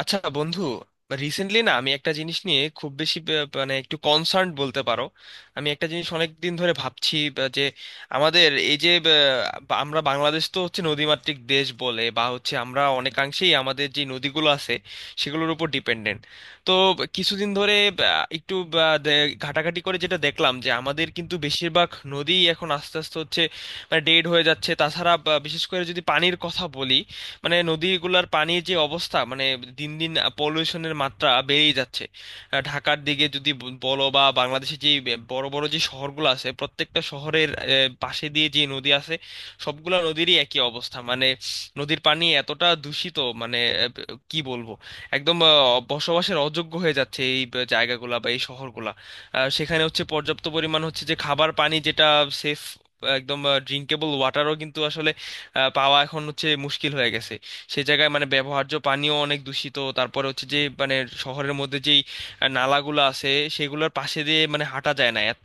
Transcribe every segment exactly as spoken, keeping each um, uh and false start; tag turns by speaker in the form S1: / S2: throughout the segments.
S1: আচ্ছা, বন্ধু। রিসেন্টলি না আমি একটা জিনিস নিয়ে খুব বেশি বে- মানে একটু কনসার্ন বলতে পারো। আমি একটা জিনিস অনেক দিন ধরে ভাবছি বা যে আমাদের এই যে বা- বা আমরা, বাংলাদেশ তো হচ্ছে নদীমাতৃক দেশ বলে বা হচ্ছে আমরা অনেকাংশেই আমাদের যে নদীগুলো আছে সেগুলোর উপর ডিপেন্ডেন্ট। তো কিছুদিন ধরে বা, একটু বা, দে- ঘাটাঘাটি করে যেটা দেখলাম যে আমাদের কিন্তু বেশিরভাগ নদী এখন আস্তে আস্তে হচ্ছে মানে ডেড হয়ে যাচ্ছে। তাছাড়া বা, বিশেষ করে যদি পানির কথা বলি, মানে নদীগুলোর পানির যে অবস্থা, মানে দিন দিন পলিউশনের মাত্রা বেড়েই যাচ্ছে। আহ, ঢাকার দিকে যদি ব- বলো বা বাংলাদেশে যে বে- বড় বড় যে শহরগুলো আছে প্রত্যেকটা শহরের আহ, পাশে দিয়ে যে নদী আছে সবগুলা নদীরই একই অবস্থা। মানে নদীর পানি এতটা দূষিত মানে আহ, ব- কি বলবো, একদম আহ, বসবাসের অযোগ্য হয়ে যাচ্ছে এই ব- জায়গাগুলা বা এই শহরগুলা। আহ, সেখানে হচ্ছে পর্যাপ্ত পরিমাণ হচ্ছে যে খাবার পানি যেটা সেফ, একদম ড্রিঙ্কেবল ওয়াটারও কিন্তু আসলে আহ, পাওয়া এখন হচ্ছে মুশকিল হয়ে গেছে। সেই জায়গায় মানে ব্যবহার্য পানিও অনেক দূষিত। তারপরে হচ্ছে যে মানে শহরের মধ্যে যেই আহ, নালাগুলো আছে সেগুলোর পাশে দিয়ে মানে হাঁটা যায় না, এত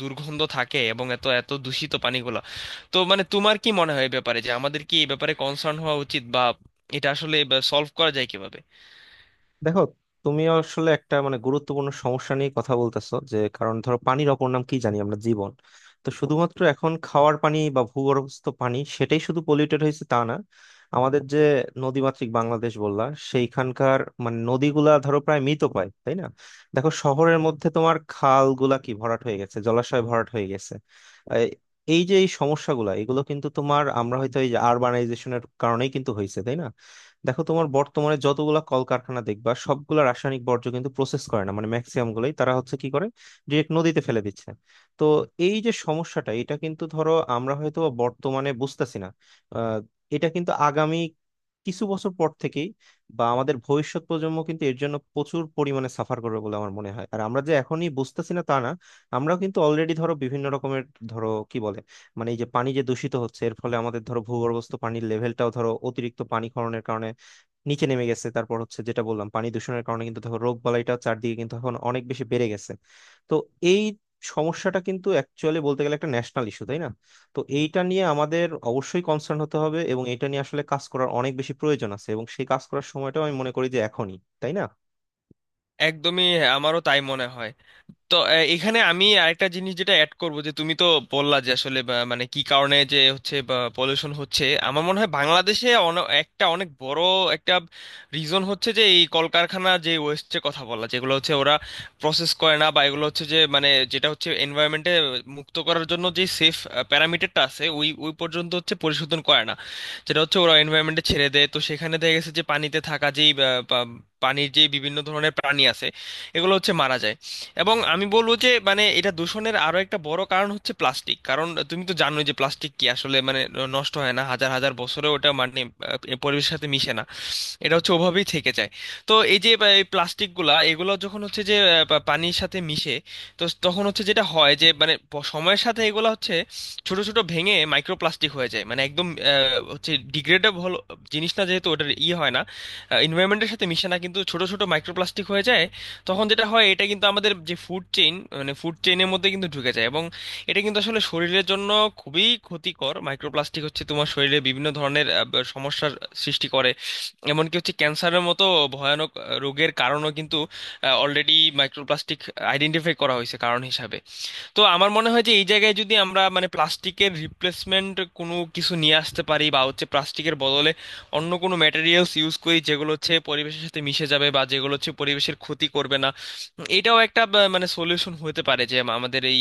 S1: দুর্গন্ধ থাকে এবং এত এত দূষিত পানিগুলো। তো মানে তোমার কি মনে হয় এই ব্যাপারে, যে আমাদের কি এই ব্যাপারে কনসার্ন হওয়া উচিত বা এটা আসলে সলভ করা যায় কিভাবে?
S2: দেখো, তুমি আসলে একটা মানে গুরুত্বপূর্ণ সমস্যা নিয়ে কথা বলতেছো। যে কারণ ধরো, পানির অপর নাম কি জানি? আমরা জীবন। তো শুধুমাত্র এখন খাওয়ার পানি বা ভূগর্ভস্থ পানি সেটাই শুধু পলিউটেড হয়েছে তা না। আমাদের যে নদীমাতৃক বাংলাদেশ বললা, সেইখানকার মানে নদীগুলা ধরো প্রায় মৃত পায়, তাই না? দেখো, শহরের মধ্যে তোমার খালগুলা কি ভরাট হয়ে গেছে, জলাশয় ভরাট হয়ে গেছে। এই এই যে এই সমস্যাগুলা এগুলো কিন্তু তোমার, আমরা হয়তো এই যে আরবানাইজেশনের কারণেই কিন্তু হয়েছে, তাই না? দেখো, তোমার বর্তমানে যতগুলা কলকারখানা দেখবা, সবগুলা রাসায়নিক বর্জ্য কিন্তু প্রসেস করে না। মানে ম্যাক্সিমাম গুলোই তারা হচ্ছে কি করে, ডিরেক্ট নদীতে ফেলে দিচ্ছে। তো এই যে সমস্যাটা, এটা কিন্তু ধরো আমরা হয়তো বা বর্তমানে বুঝতেছি না। আহ, এটা কিন্তু আগামী কিছু বছর পর থেকেই বা আমাদের ভবিষ্যৎ প্রজন্ম কিন্তু এর জন্য প্রচুর পরিমাণে সাফার করবে বলে আমার মনে হয়। আর আমরা যে এখনই বুঝতেছি না তা না, আমরাও কিন্তু অলরেডি ধরো বিভিন্ন রকমের, ধরো কি বলে, মানে এই যে পানি যে দূষিত হচ্ছে এর ফলে আমাদের ধরো ভূগর্ভস্থ পানির লেভেলটাও ধরো অতিরিক্ত পানি নিচে নেমে গেছে। তারপর হচ্ছে যেটা বললাম, পানি দূষণের কারণে কিন্তু দেখো রোগ বালাইটা চারদিকে কিন্তু এখন অনেক বেশি বেড়ে গেছে। তো এই সমস্যাটা কিন্তু অ্যাকচুয়ালি বলতে গেলে একটা ন্যাশনাল ইস্যু, তাই না? তো এইটা নিয়ে আমাদের অবশ্যই কনসার্ন হতে হবে, এবং এটা নিয়ে আসলে কাজ করার অনেক বেশি প্রয়োজন আছে, এবং সেই কাজ করার সময়টাও আমি মনে করি যে এখনই, তাই না?
S1: একদমই হ্যাঁ, আমারও তাই মনে হয়। তো আহ, এখানে আমি আরেকটা জিনিস যেটা অ্যাড করব যে তুমি তো বললা যে আসলে বা, মানে কি কারণে যে হচ্ছে পলিউশন, হচ্ছে আমার মনে হয় বাংলাদেশে অন- একটা অনেক বড় একটা রিজন হচ্ছে যে এই কলকারখানা যে ওয়েস্টের কথা বলা, যেগুলো হচ্ছে ওরা প্রসেস করে না বা এগুলো হচ্ছে যে মানে যেটা হচ্ছে এনভায়রনমেন্টে মুক্ত করার জন্য যে সেফ প্যারামিটারটা আছে ওই ওই পর্যন্ত হচ্ছে পরিশোধন করে না, যেটা হচ্ছে ওরা এনভায়রনমেন্টে ছেড়ে দেয়। তো সেখানে দেখা গেছে যে পানিতে থাকা যেই আহ, পা- পানির যে বিভিন্ন ধরনের প্রাণী আছে এগুলো হচ্ছে মারা যায়। এবং আমি বলবো যে মানে এটা দূষণের আরো একটা বড় কারণ হচ্ছে প্লাস্টিক, কারণ তুমি তো জানোই যে প্লাস্টিক কি আসলে মানে নষ্ট হয় না হাজার হাজার বছরে, ওটা মানে আহ, পরিবেশের সাথে মিশে না, এটা হচ্ছে ওভাবেই থেকে যায়। তো এই যে আহ, এই প্লাস্টিকগুলা এগুলো যখন হচ্ছে যে আহ, পা- পানির সাথে মিশে, তো স- তখন হচ্ছে যেটা হয় যে মানে প- সময়ের সাথে এগুলো হচ্ছে ছোট ছোট ভেঙে মাইক্রোপ্লাস্টিক হয়ে যায়, মানে একদম আহ, হচ্ছে ডিগ্রেডেবল জিনিস না যেহেতু ওটার ইয়ে হয় না, এনভায়রনমেন্টের সাথে মিশে না কিন্তু ছোট ছোট মাইক্রোপ্লাস্টিক হয়ে যায়। তখন যেটা হয় এটা কিন্তু আমাদের যে ফুড চেইন মানে ফুড চেইনের মধ্যে কিন্তু ঢুকে যায় এবং এটা কিন্তু আসলে শরীরের জন্য খুবই ক্ষতিকর। মাইক্রোপ্লাস্টিক হচ্ছে তোমার শরীরে বিভিন্ন ধরনের আহ, সমস্যার সৃষ্টি করে, এমনকি হচ্ছে ক্যান্সারের মতো ভয়ানক আহ, রোগের কারণও কিন্তু অলরেডি মাইক্রোপ্লাস্টিক আইডেন্টিফাই করা হয়েছে কারণ হিসাবে। তো আমার মনে হয় যে এই জায়গায় যদি আমরা মানে প্লাস্টিকের রিপ্লেসমেন্ট কোনো কিছু নিয়ে আসতে পারি বা হচ্ছে প্লাস্টিকের বদলে অন্য কোনো ম্যাটেরিয়ালস ইউজ করি যেগুলো হচ্ছে পরিবেশের সাথে মিশে যাবে বা যেগুলো হচ্ছে পরিবেশের ক্ষতি করবে না, এটাও একটা বা- মানে সলিউশন হতে পারে যে আম- আমাদের এই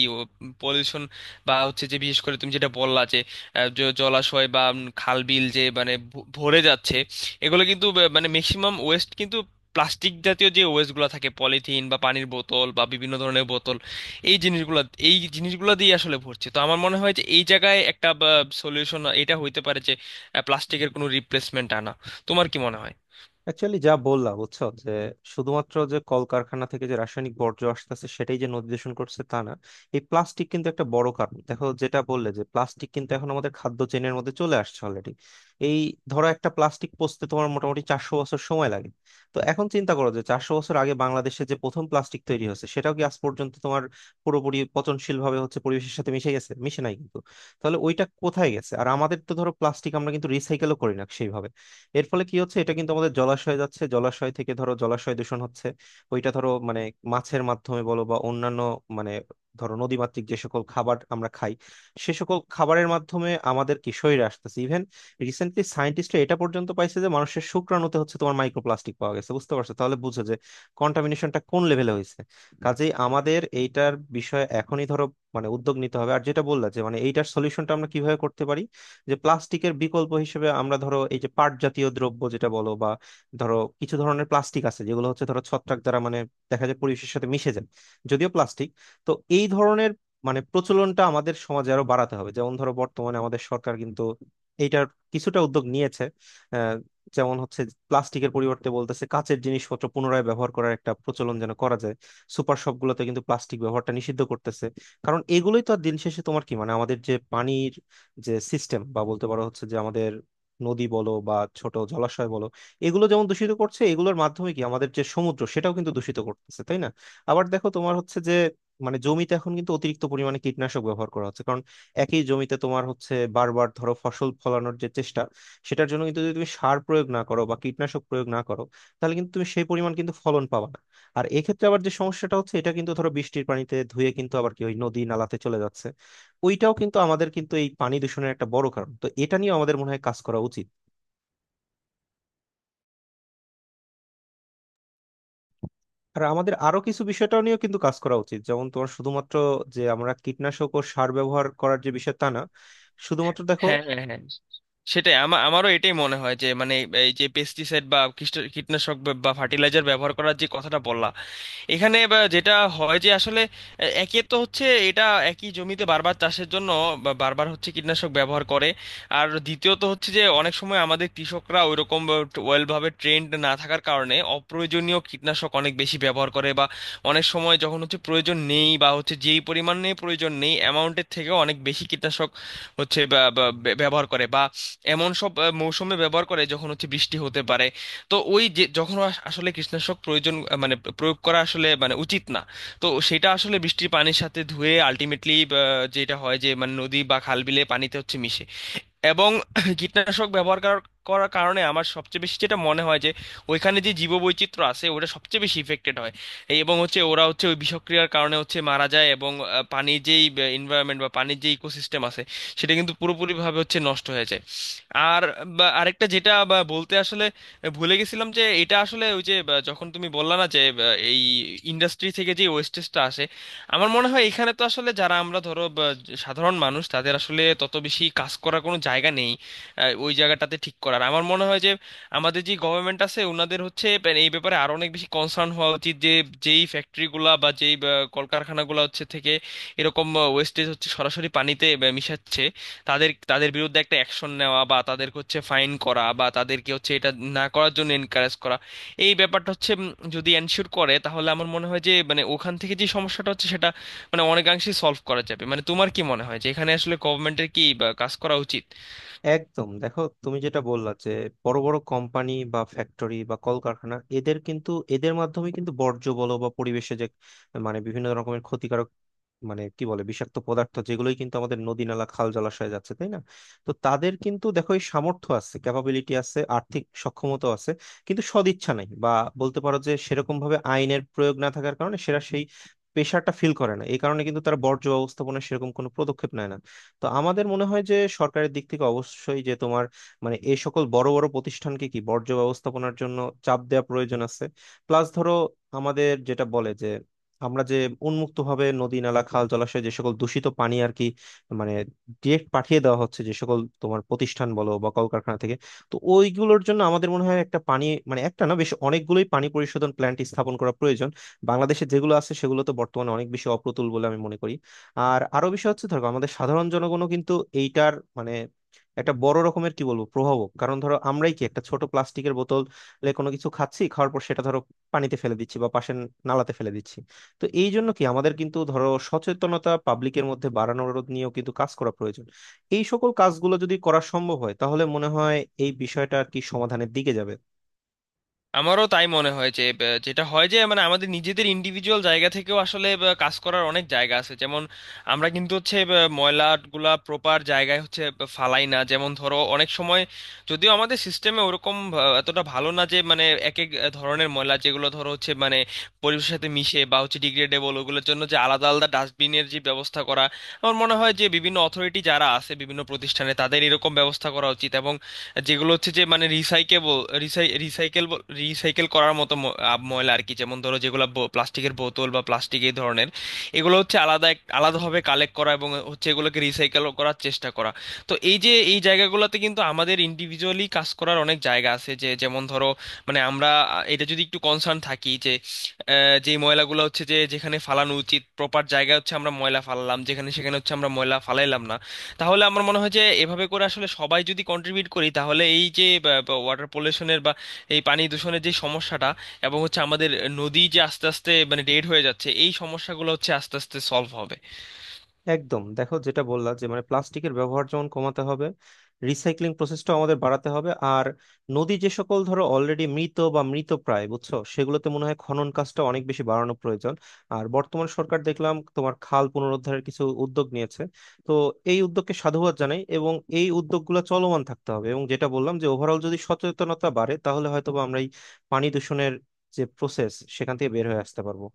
S1: পলিউশন বা হচ্ছে যে বিশেষ করে তুমি যেটা বললা যে আহ, জ- জলাশয় বা উম, খাল বিল যে মানে ভ- ভরে যাচ্ছে, এগুলো কিন্তু ব- মানে ম্যাক্সিমাম ওয়েস্ট কিন্তু প্লাস্টিক জাতীয় যে ওয়েস্টগুলো থাকে পলিথিন বা পানির বোতল বা বিভিন্ন ধরনের বোতল, এই জিনিসগুলো এই জিনিসগুলো দিয়ে আসলে ভরছে। তো আমার মনে হয় যে এই জায়গায় একটা সলিউশন এটা হইতে পারে যে প্লাস্টিকের কোনো রিপ্লেসমেন্ট আনা। তোমার কি মনে হয়?
S2: অ্যাকচুয়ালি যা বললা বুঝছো, যে শুধুমাত্র যে কলকারখানা থেকে যে রাসায়নিক বর্জ্য আসতেছে সেটাই যে নদী দূষণ করছে তা না, এই প্লাস্টিক কিন্তু একটা বড় কারণ। দেখো, যেটা বললে যে প্লাস্টিক কিন্তু এখন আমাদের খাদ্য চেনের মধ্যে চলে আসছে অলরেডি। এই, ধরো একটা প্লাস্টিক পচতে তোমার মোটামুটি চারশো বছর সময় লাগে। তো এখন চিন্তা করো, যে চারশো বছর আগে বাংলাদেশে যে প্রথম প্লাস্টিক তৈরি হয়েছে সেটাও কি আজ পর্যন্ত তোমার পুরোপুরি পচনশীল ভাবে হচ্ছে পরিবেশের সাথে মিশে গেছে? মিশে নাই কিন্তু। তাহলে ওইটা কোথায় গেছে? আর আমাদের তো ধরো প্লাস্টিক আমরা কিন্তু রিসাইকেলও করি না সেইভাবে। এর ফলে কি হচ্ছে, এটা কিন্তু আমাদের জলাশয়ে যাচ্ছে, জলাশয় থেকে ধরো জলাশয় দূষণ হচ্ছে। ওইটা ধরো মানে মাছের মাধ্যমে বলো বা অন্যান্য মানে ধরো নদীমাতৃক যে সকল খাবার আমরা খাই, সে সকল খাবারের মাধ্যমে আমাদের কি শরীরে আসতেছে। ইভেন রিসেন্টলি সায়েন্টিস্টরা এটা পর্যন্ত পাইছে যে মানুষের শুক্রাণুতে হচ্ছে তোমার মাইক্রোপ্লাস্টিক পাওয়া গেছে। বুঝতে পারছো? তাহলে বুঝো যে কন্টামিনেশনটা কোন লেভেলে হয়েছে। কাজেই আমাদের এইটার বিষয়ে এখনই ধরো মানে উদ্যোগ নিতে হবে। আর যেটা বললা যে মানে এইটার সলিউশনটা আমরা কিভাবে করতে পারি, যে প্লাস্টিকের বিকল্প হিসেবে আমরা ধরো এই যে পাট জাতীয় দ্রব্য যেটা বলো, বা ধরো কিছু ধরনের প্লাস্টিক আছে যেগুলো হচ্ছে ধরো ছত্রাক দ্বারা মানে দেখা যায় পরিবেশের সাথে মিশে যায়, যদিও প্লাস্টিক। তো এই ধরনের মানে প্রচলনটা আমাদের সমাজে আরো বাড়াতে হবে। যেমন ধরো, বর্তমানে আমাদের সরকার কিন্তু এইটার কিছুটা উদ্যোগ নিয়েছে। আহ, যেমন হচ্ছে, প্লাস্টিকের পরিবর্তে বলতেছে কাঁচের জিনিসপত্র পুনরায় ব্যবহার করার একটা প্রচলন যেন করা যায়। সুপার শপগুলোতে কিন্তু প্লাস্টিক ব্যবহারটা নিষিদ্ধ করতেছে। কারণ এগুলোই তো আর দিন শেষে তোমার কি মানে আমাদের যে পানির যে সিস্টেম, বা বলতে পারো হচ্ছে যে আমাদের নদী বলো বা ছোট জলাশয় বলো, এগুলো যেমন দূষিত করছে, এগুলোর মাধ্যমে কি আমাদের যে সমুদ্র সেটাও কিন্তু দূষিত করতেছে, তাই না? আবার দেখো, তোমার হচ্ছে যে, মানে জমিতে এখন কিন্তু অতিরিক্ত পরিমাণে কীটনাশক ব্যবহার করা হচ্ছে। কারণ একই জমিতে তোমার হচ্ছে বারবার ধরো ফসল ফলানোর যে চেষ্টা, সেটার জন্য কিন্তু যদি তুমি সার প্রয়োগ না করো বা কীটনাশক প্রয়োগ না করো, তাহলে কিন্তু তুমি সেই পরিমাণ কিন্তু ফলন পাবা না। আর এক্ষেত্রে আবার যে সমস্যাটা হচ্ছে, এটা কিন্তু ধরো বৃষ্টির পানিতে ধুয়ে কিন্তু আবার কি ওই নদী নালাতে চলে যাচ্ছে। ওইটাও কিন্তু আমাদের কিন্তু এই পানি দূষণের একটা বড় কারণ। তো এটা নিয়ে আমাদের মনে হয় কাজ করা উচিত। আর আমাদের আরো কিছু বিষয়টাও নিয়েও কিন্তু কাজ করা উচিত। যেমন তোমার শুধুমাত্র যে আমরা কীটনাশক ও সার ব্যবহার করার যে বিষয়, তা না, শুধুমাত্র দেখো।
S1: হ্যাঁ, হ্যাঁ, হ্যাঁ, সেটাই আমার আমারও এটাই মনে হয় যে মানে এই যে পেস্টিসাইড বা কীষ্ট- কীটনাশক বা ফার্টিলাইজার ব্যবহার করার যে কথাটা বললাম, এখানে বা যেটা হয় যে আসলে এ- একে তো হচ্ছে এটা একই জমিতে বারবার চাষের জন্য বা- বারবার হচ্ছে কীটনাশক ব্যবহার করে। আর দ্বিতীয়ত হচ্ছে যে অনেক সময় আমাদের কৃষকরা ওইরকম ওয়েল ভাবে ট্রেন্ড না থাকার কারণে অপ্রয়োজনীয় কীটনাশক অনেক বেশি ব্যবহার করে, বা অনেক সময় যখন হচ্ছে প্রয়োজন নেই বা হচ্ছে যেই পরিমাণ নিয়ে প্রয়োজন নেই অ্যামাউন্টের থেকেও অনেক বেশি কীটনাশক হচ্ছে বা- বা- ব্যবহার করে, বা এমন সব আহ, মৌসুমে ব্যবহার করে যখন হচ্ছে বৃষ্টি হতে পারে। তো ওই যে যখন আস- আসলে কীটনাশক প্রয়োজন আহ, মানে প্রয়োগ করা আসলে মানে উচিত না, তো সেটা আসলে বৃষ্টির পানির সাথে ধুয়ে আলটিমেটলি যেটা হয় যে মানে নদী বা খাল বিলে পানিতে হচ্ছে মিশে। এবং কীটনাশক ব্যবহার করার করার কারণে আমার সবচেয়ে বেশি যেটা মনে হয় যে ওইখানে যে জীববৈচিত্র্য আছে ওটা সবচেয়ে বেশি ইফেক্টেড হয়। এই এবং হচ্ছে ওরা হচ্ছে ওই বিষক্রিয়ার কারণে হচ্ছে মারা যায় এবং আহ, পানির যেই এনভায়রনমেন্ট বা পানির যে ইকোসিস্টেম আছে সেটা কিন্তু পুরোপুরিভাবে হচ্ছে নষ্ট হয়ে যায়। আর বা, আরেকটা যেটা বা, বলতে আসলে ভুলে গেছিলাম যে এটা আসলে ওই যে বা, যখন তুমি বললা না যে বা, এই ইন্ডাস্ট্রি থেকে যে ওয়েস্টেজটা আসে, আমার মনে হয় এখানে তো আসলে যারা আমরা ধরো বা, জ- সাধারণ মানুষ তাদের আসলে তত বেশি কাজ করার কোনো জায়গা নেই। আহ, ওই জায়গাটাতে ঠিক করার আমার মনে হয় যে আমাদের যে গভর্নমেন্ট আছে ওনাদের হচ্ছে প্যা- এই ব্যাপারে আরো অনেক বেশি কনসার্ন হওয়া উচিত যে যেই ফ্যাক্টরিগুলা বা যেই বা, কলকারখানাগুলা হচ্ছে থেকে এরকম ওয়েস্টেজ হচ্ছে সরাসরি পানিতে বা, মিশাচ্ছে, তাদের তাদের বিরুদ্ধে একটা অ্যাকশন নেওয়া বা তাদেরকে হচ্ছে ফাইন করা বা তাদেরকে হচ্ছে এটা না করার জন্য এনকারেজ করা, এই ব্যাপারটা হচ্ছে উম, যদি এনশিওর করে তাহলে আমার মনে হয় যে মানে ওখান থেকে যে সমস্যাটা হচ্ছে সেটা মানে অনেকাংশেই সলভ করা যাবে। মানে তোমার কি মনে হয় যে এখানে আসলে গভর্নমেন্টের কি বা, কাজ করা উচিত?
S2: একদম, দেখো তুমি যেটা বললা যে বড় বড় কোম্পানি বা ফ্যাক্টরি বা কলকারখানা, এদের কিন্তু এদের মাধ্যমে কিন্তু বর্জ্য বলো বা পরিবেশে যে মানে বিভিন্ন রকমের ক্ষতিকারক, মানে কি বলে, বিষাক্ত পদার্থ যেগুলোই কিন্তু আমাদের নদী নালা খাল জলাশয়ে যাচ্ছে, তাই না? তো তাদের কিন্তু দেখো এই সামর্থ্য আছে, ক্যাপাবিলিটি আছে, আর্থিক সক্ষমতা আছে, কিন্তু সদিচ্ছা নাই। বা বলতে পারো যে সেরকম ভাবে আইনের প্রয়োগ না থাকার কারণে সেরা সেই প্রেশারটা ফিল করে না। এই কারণে কিন্তু তারা বর্জ্য ব্যবস্থাপনায় সেরকম কোনো পদক্ষেপ নেয় না। তো আমাদের মনে হয় যে সরকারের দিক থেকে অবশ্যই যে তোমার মানে এই সকল বড় বড় প্রতিষ্ঠানকে কি বর্জ্য ব্যবস্থাপনার জন্য চাপ দেওয়া প্রয়োজন আছে। প্লাস ধরো, আমাদের যেটা বলে যে আমরা যে উন্মুক্তভাবে নদী নালা খাল জলাশয় যে সকল দূষিত পানি আর কি, মানে ডিরেক্ট পাঠিয়ে দেওয়া হচ্ছে যে সকল তোমার প্রতিষ্ঠান বলো বা কলকারখানা থেকে, তো ওইগুলোর জন্য আমাদের মনে হয় একটা পানি মানে একটা না, বেশ অনেকগুলোই পানি পরিশোধন প্ল্যান্ট স্থাপন করা প্রয়োজন। বাংলাদেশে যেগুলো আছে সেগুলো তো বর্তমানে অনেক বেশি অপ্রতুল বলে আমি মনে করি। আর আরো বিষয় হচ্ছে ধরো, আমাদের সাধারণ জনগণও কিন্তু এইটার মানে একটা বড় রকমের কি বলবো প্রভাবক। কারণ ধরো, আমরাই কি একটা ছোট প্লাস্টিকের বোতলে কোনো কিছু খাচ্ছি, খাওয়ার পর সেটা ধরো পানিতে ফেলে দিচ্ছি বা পাশে নালাতে ফেলে দিচ্ছি। তো এই জন্য কি আমাদের কিন্তু ধরো সচেতনতা পাবলিকের মধ্যে বাড়ানোর নিয়েও কিন্তু কাজ করা প্রয়োজন। এই সকল কাজগুলো যদি করা সম্ভব হয় তাহলে মনে হয় এই বিষয়টা আর কি সমাধানের দিকে যাবে।
S1: আমারও তাই মনে হয় যে আহ, যেটা হয় যে মানে আমাদের নিজেদের ইন্ডিভিজুয়াল জায়গা থেকেও আসলে আহ, কাজ করার অনেক জায়গা আছে। যেমন আমরা কিন্তু হচ্ছে আহ, ময়লাগুলা প্রপার জায়গায় হচ্ছে আহ, ফালাই না। যেমন ধরো অনেক সময় যদিও আমাদের সিস্টেমে ওরকম আহ, এতটা ভালো না যে মানে এক এক ধরনের ময়লা যেগুলো ধরো হচ্ছে মানে পরিবেশের সাথে মিশে বা হচ্ছে ডিগ্রেডেবল, ওগুলোর জন্য যে আলাদা আলাদা ডাস্টবিনের যে ব্যবস্থা করা, আমার মনে হয় যে বিভিন্ন অথরিটি যারা আছে বিভিন্ন প্রতিষ্ঠানে তাদের এরকম ব্যবস্থা করা উচিত এবং যেগুলো হচ্ছে যে মানে রিসাইকেবল রিসাইকেল রিসাইকেল করার মতো ম- আব- ময়লা আর কি, যেমন ধরো যেগুলো প্লাস্টিকের বোতল বা প্লাস্টিক এই ধরনের, এগুলো হচ্ছে আলাদা এক- আলাদাভাবে কালেক্ট করা এবং হচ্ছে এগুলোকে রিসাইকেল করার চেষ্টা করা। তো এই যে এই জায়গাগুলোতে কিন্তু আমাদের ইন্ডিভিজুয়ালি কাজ করার অনেক জায়গা আছে, যে যেমন ধরো মানে আমরা আহ, এটা যদি একটু কনসার্ন থাকি যে আহ, যে ময়লাগুলো হচ্ছে যে যেখানে ফালানো উচিত প্রপার জায়গা, হচ্ছে আমরা ময়লা ফালালাম, যেখানে সেখানে হচ্ছে আমরা ময়লা ফালাইলাম না, তাহলে আমার মনে হয় যে এভাবে করে আসলে সবাই যদি কন্ট্রিবিউট করি, তাহলে এই যে ওয়াটার পলিউশনের বা এই পানি দূষণের যে সমস্যাটা এবং হচ্ছে আমাদের নদী যে আস্তে আস্তে মানে ডেড হয়ে যাচ্ছে এই সমস্যাগুলো হচ্ছে আস্তে আস্তে সলভ হবে।
S2: একদম, দেখো যেটা বললা যে মানে প্লাস্টিকের ব্যবহার যেমন কমাতে হবে, রিসাইক্লিং প্রসেসটাও আমাদের বাড়াতে হবে, আর নদী যে সকল ধরো অলরেডি মৃত বা মৃত প্রায় বুঝছো, সেগুলোতে মনে হয় খনন কাজটা অনেক বেশি বাড়ানো প্রয়োজন। আর বর্তমান সরকার দেখলাম তোমার খাল পুনরুদ্ধারের কিছু উদ্যোগ নিয়েছে। তো এই উদ্যোগকে সাধুবাদ জানাই, এবং এই উদ্যোগগুলো চলমান থাকতে হবে। এবং যেটা বললাম, যে ওভারঅল যদি সচেতনতা বাড়ে তাহলে হয়তোবা আমরা এই পানি দূষণের যে প্রসেস সেখান থেকে বের হয়ে আসতে পারবো।